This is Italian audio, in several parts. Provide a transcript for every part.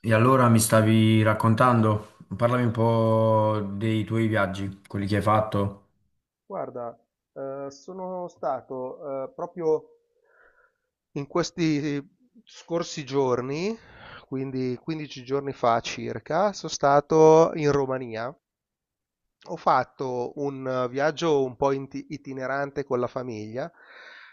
E allora mi stavi raccontando, parlami un po' dei tuoi viaggi, quelli che hai fatto. Guarda, sono stato proprio in questi scorsi giorni, quindi 15 giorni fa circa, sono stato in Romania. Ho fatto un viaggio un po' itinerante con la famiglia, nel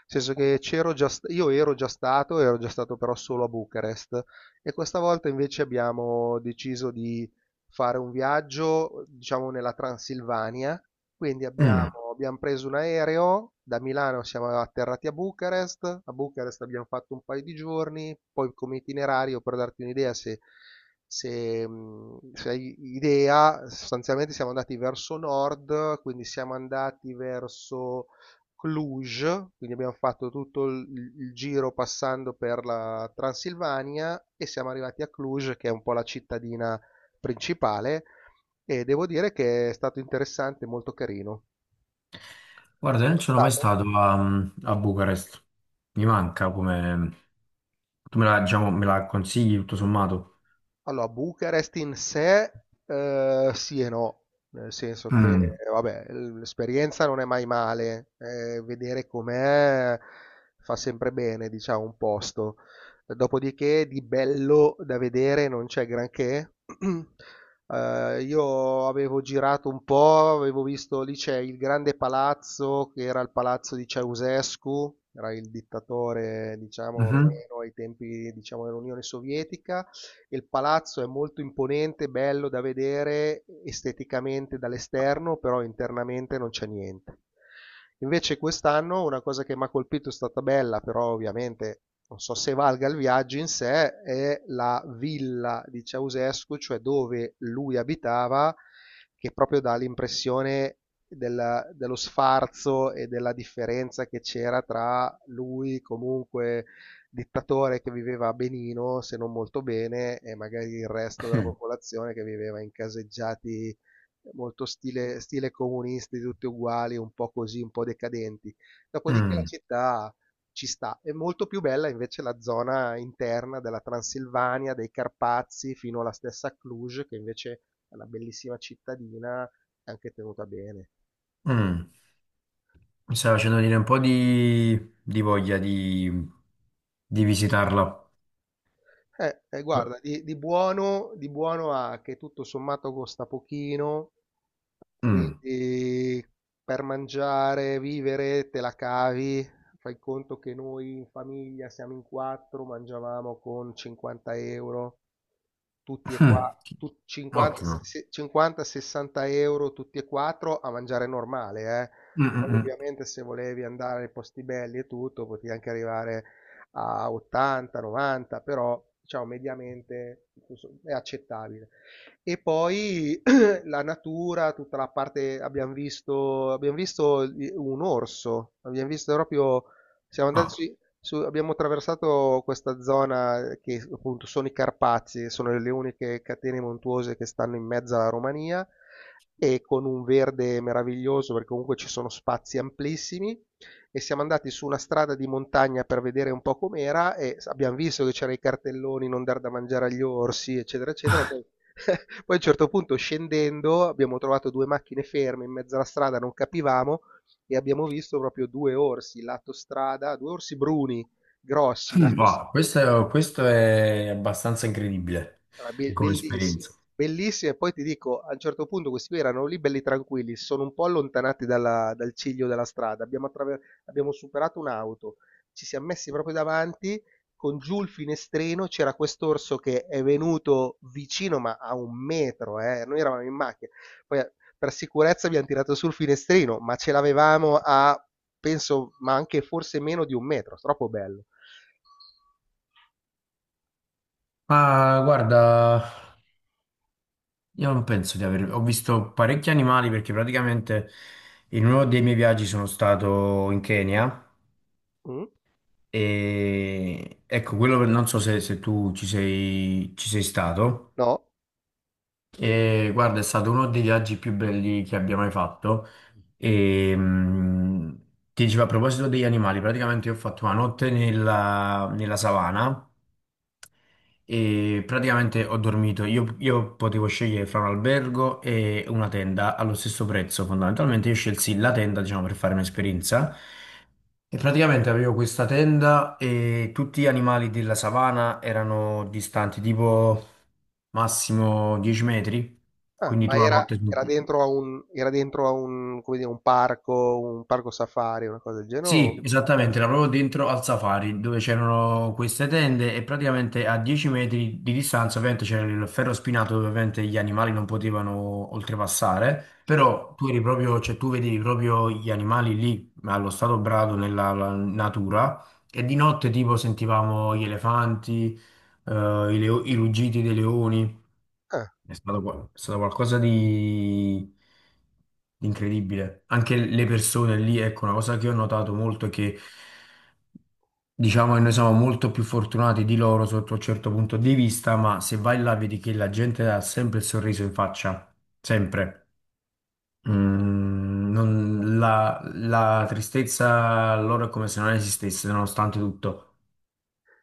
senso che io ero già stato, però solo a Bucarest e questa volta invece abbiamo deciso di fare un viaggio, diciamo, nella Transilvania, quindi Mm. abbiamo preso un aereo, da Milano siamo atterrati a Bucarest abbiamo fatto un paio di giorni, poi come itinerario, per darti un'idea, se hai idea, sostanzialmente siamo andati verso nord, quindi siamo andati verso Cluj, quindi abbiamo fatto tutto il giro passando per la Transilvania e siamo arrivati a Cluj, che è un po' la cittadina principale, e devo dire che è stato interessante, molto carino. Guarda, io Sei non mai sono mai stato? stato a, Bucarest, mi manca come... Tu me la, diciamo, me la consigli tutto sommato? Allora, Bucarest in sé, sì e no, nel senso che, Mm. vabbè, l'esperienza non è mai male, vedere com'è fa sempre bene, diciamo, un posto. Dopodiché di bello da vedere non c'è granché. Io avevo girato un po', avevo visto lì c'è il grande palazzo, che era il palazzo di Ceaușescu, era il dittatore, diciamo, Mhm. rumeno ai tempi, diciamo, dell'Unione Sovietica. Il palazzo è molto imponente, bello da vedere esteticamente dall'esterno, però internamente non c'è niente. Invece quest'anno una cosa che mi ha colpito è stata bella, però ovviamente non so se valga il viaggio in sé, è la villa di Ceausescu, cioè dove lui abitava, che proprio dà l'impressione dello sfarzo e della differenza che c'era tra lui comunque dittatore che viveva a benino, se non molto bene, e magari il resto della popolazione che viveva in caseggiati molto stile comunisti, tutti uguali, un po' così, un po' decadenti. Dopodiché la Mm. città ci sta. È molto più bella invece la zona interna della Transilvania, dei Carpazi, fino alla stessa Cluj, che invece è una bellissima cittadina, anche tenuta bene. Mm. Mi stai facendo venire un po' di voglia di visitarla. Eh, guarda, di buono ha che tutto sommato costa pochino, Mm. quindi per mangiare, vivere, te la cavi. Fai conto che noi in famiglia siamo in quattro, mangiavamo con 50 euro, tutti e qua, Mm. 50, Ottimo. 50-60 euro tutti e quattro a mangiare normale, eh. Mm, mm, Poi mm. ovviamente se volevi andare ai posti belli e tutto, potevi anche arrivare a 80, 90, però diciamo mediamente è accettabile. E poi la natura, tutta la parte, abbiamo visto un orso, abbiamo visto proprio, siamo Ah. andati abbiamo attraversato questa zona che appunto sono i Carpazi, sono le uniche catene montuose che stanno in mezzo alla Romania e con un verde meraviglioso perché comunque ci sono spazi amplissimi e siamo andati su una strada di montagna per vedere un po' com'era e abbiamo visto che c'erano i cartelloni non dar da mangiare agli orsi, eccetera, eccetera. E poi poi a un certo punto scendendo abbiamo trovato due macchine ferme in mezzo alla strada, non capivamo, e abbiamo visto proprio due orsi lato strada, due orsi bruni grossi lato strada. Wow, questo è abbastanza incredibile Ah, be come bellissimi, esperienza. bellissimi, e poi ti dico, a un certo punto questi qui erano lì belli tranquilli, si sono un po' allontanati dal ciglio della strada, abbiamo superato un'auto, ci siamo messi proprio davanti, con giù il finestrino c'era quest'orso che è venuto vicino ma a un metro, noi eravamo in macchina, poi per sicurezza abbiamo tirato sul finestrino, ma ce l'avevamo a, penso, ma anche forse meno di un metro, troppo bello. Ma guarda, io non penso di aver... Ho visto parecchi animali perché praticamente in uno dei miei viaggi sono stato in Kenya Mm? e ecco, quello non so se, se tu ci sei stato. No? E guarda, è stato uno dei viaggi più belli che abbia mai fatto. E ti dicevo a proposito degli animali, praticamente io ho fatto una notte nella, nella savana e praticamente ho dormito. Io potevo scegliere fra un albergo e una tenda allo stesso prezzo. Fondamentalmente io scelsi la tenda, diciamo, per fare un'esperienza. E praticamente avevo questa tenda e tutti gli animali della savana erano distanti tipo massimo 10 metri. Ah, Quindi tu ma la era, notte era dentro a un, come dire, un parco safari, una cosa del genere? sì, esattamente, era proprio dentro al safari dove c'erano queste tende e praticamente a 10 metri di distanza ovviamente c'era il ferro spinato dove ovviamente gli animali non potevano oltrepassare, Sì. però tu eri proprio, cioè tu vedevi proprio gli animali lì allo stato brado nella la natura e di notte tipo sentivamo gli elefanti, eh, i, i ruggiti dei leoni. Ah, È stato, è stato qualcosa di incredibile. Anche le persone lì, ecco, una cosa che ho notato molto è che diciamo che noi siamo molto più fortunati di loro sotto un certo punto di vista, ma se vai là vedi che la gente ha sempre il sorriso in faccia, sempre. La, la tristezza loro è come se non esistesse, nonostante tutto.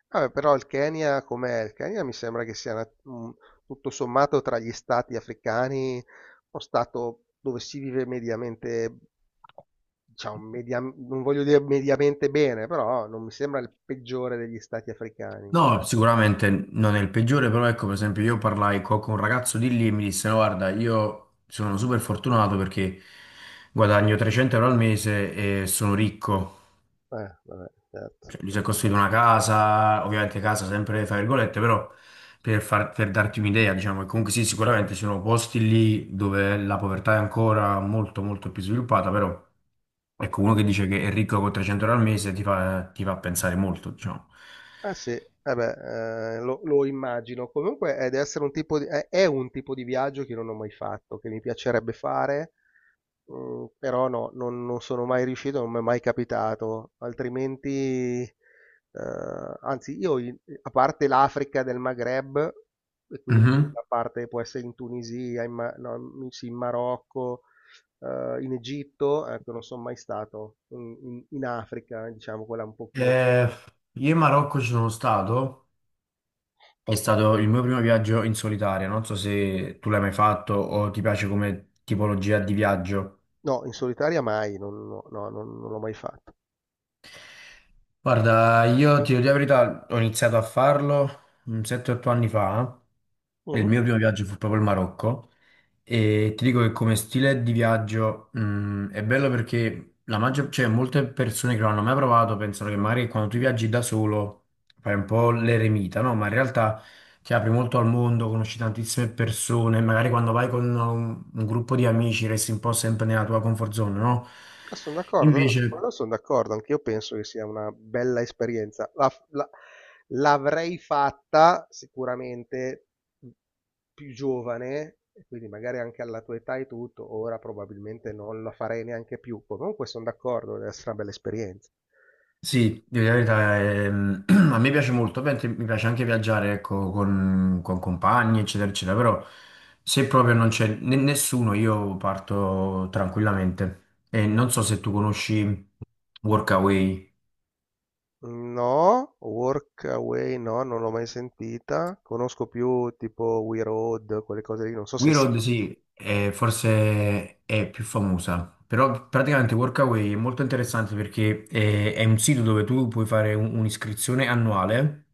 vabbè, però il Kenya com'è? Il Kenya mi sembra che sia tutto sommato tra gli stati africani uno stato dove si vive mediamente, diciamo, non voglio dire mediamente bene, però non mi sembra il peggiore degli stati africani. No, sicuramente non è il peggiore, però ecco, per esempio, io parlai con un ragazzo di lì e mi disse, no, guarda, io sono super fortunato perché guadagno 300 € al mese e sono ricco. Vabbè, certo. Cioè, lui si è costruito una casa, ovviamente casa sempre fra virgolette, però per, per darti un'idea, diciamo che comunque sì, sicuramente ci sono posti lì dove la povertà è ancora molto molto più sviluppata, però ecco, uno che dice che è ricco con 300 € al mese ti fa pensare molto, diciamo. Eh sì, eh beh, lo immagino. Comunque deve essere un tipo di, è un tipo di viaggio che non ho mai fatto, che mi piacerebbe fare, però no, non sono mai riuscito, non mi è mai capitato. Altrimenti, anzi, io a parte l'Africa del Maghreb, e quindi Mhm. a parte può essere in Tunisia, no, sì, in Marocco, in Egitto, ecco, non sono mai stato in Africa, diciamo, quella un pochino. Eh, io in Marocco ci sono stato, è stato il mio primo viaggio in solitaria, non so se tu l'hai mai fatto o ti piace come tipologia di viaggio. No, in solitaria mai, non no, no, non l'ho mai fatto. Guarda, io ti dico la verità, ho iniziato a farlo 7-8 anni fa, e il Mh. mio primo viaggio fu proprio il Marocco. E ti dico che come stile di viaggio, è bello perché la maggior, cioè, molte persone che non hanno mai provato pensano che magari quando tu viaggi da solo fai un po' l'eremita, no? Ma in realtà ti apri molto al mondo, conosci tantissime persone, magari quando vai con un gruppo di amici resti un po' sempre nella tua comfort zone, no? Ah, son d'accordo, no, su Invece quello son d'accordo, anch'io penso che sia una bella esperienza. La f la L'avrei fatta sicuramente, mhmm, più giovane, e quindi magari anche alla tua età e tutto, ora probabilmente non la farei neanche più. Comunque son d'accordo, deve essere una bella esperienza. sì, devo dire la verità, ehm, a me piace molto, ovviamente mi piace anche viaggiare, ecco, con compagni, eccetera, eccetera, però se proprio non c'è nessuno, io parto tranquillamente. E non so se tu conosci Workaway. No, Workaway no, non l'ho mai sentita. Conosco più tipo We Road, quelle cose lì, non so se. We Road, sì, forse è più famosa, però praticamente Workaway è molto interessante perché è un sito dove tu puoi fare un'iscrizione annuale.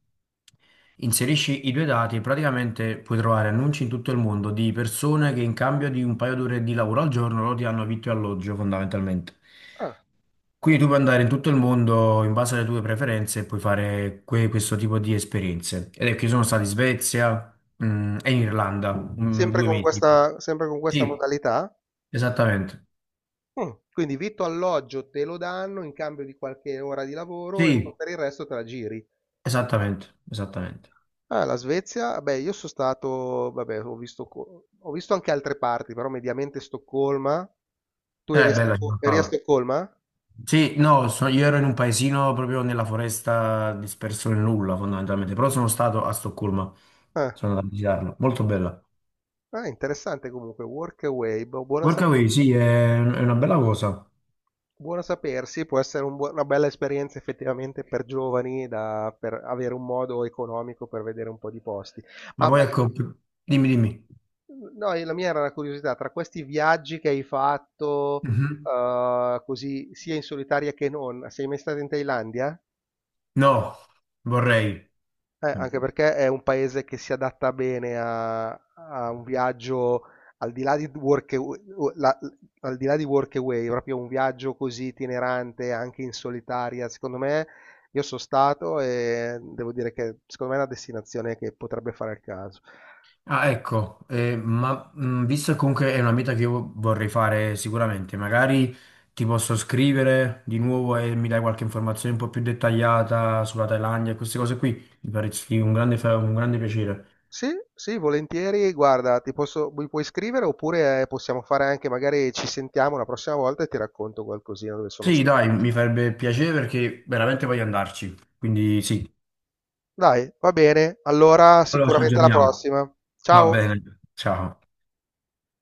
Inserisci i due dati e praticamente puoi trovare annunci in tutto il mondo di persone che in cambio di un paio d'ore di lavoro al giorno loro ti danno vitto e alloggio fondamentalmente. Ah, Quindi tu puoi andare in tutto il mondo in base alle tue preferenze e puoi fare questo tipo di esperienze. Ed è che io sono stato in Svezia, mm, e in Irlanda, mm, sempre due con mesi. questa, sempre con questa Sì, modalità? esattamente. Quindi vitto alloggio te lo danno in cambio di qualche ora di lavoro e Sì, per il resto te la giri. esattamente, esattamente. Ah, la Svezia? Beh, io sono stato, vabbè, ho visto, ho visto anche altre parti, però mediamente Stoccolma. Tu È eri a, bella Stocco- eri a città. Stoccolma? Sì, no, io ero in un paesino proprio nella foresta disperso nel nulla fondamentalmente, però sono stato a Stoccolma, Ah. sono andato a visitarla, molto bella. Ah, interessante comunque, Workaway, boh, buono, sape- Workaway, sì, è una bella cosa, buono sapersi, può essere una bella esperienza effettivamente per giovani, per avere un modo economico per vedere un po' di posti. ma Ma, poi ma- ecco, dimmi, dimmi. no, la mia era una curiosità, tra questi viaggi che hai fatto, Mhm. Così, sia in solitaria che non, sei mai stato in Thailandia? No, vorrei. Anche perché è un paese che si adatta bene a, un viaggio al di là di work, o- la- al di là di work away, proprio un viaggio così itinerante, anche in solitaria. Secondo me, io sono stato e devo dire che secondo me è una destinazione che potrebbe fare il caso. Ah, ecco, visto che comunque è una meta che io vorrei fare sicuramente, magari ti posso scrivere di nuovo e mi dai qualche informazione un po' più dettagliata sulla Thailandia e queste cose qui, mi faresti un grande un grande piacere. Sì, sì, volentieri. Guarda, mi puoi scrivere oppure possiamo fare anche, magari ci sentiamo la prossima volta e ti racconto qualcosina dove sono Sì, dai, stato. mi farebbe piacere perché veramente voglio andarci. Quindi sì, Dai, va bene, allora allora ci sicuramente alla aggiorniamo. prossima. Va Ciao. bene, ciao.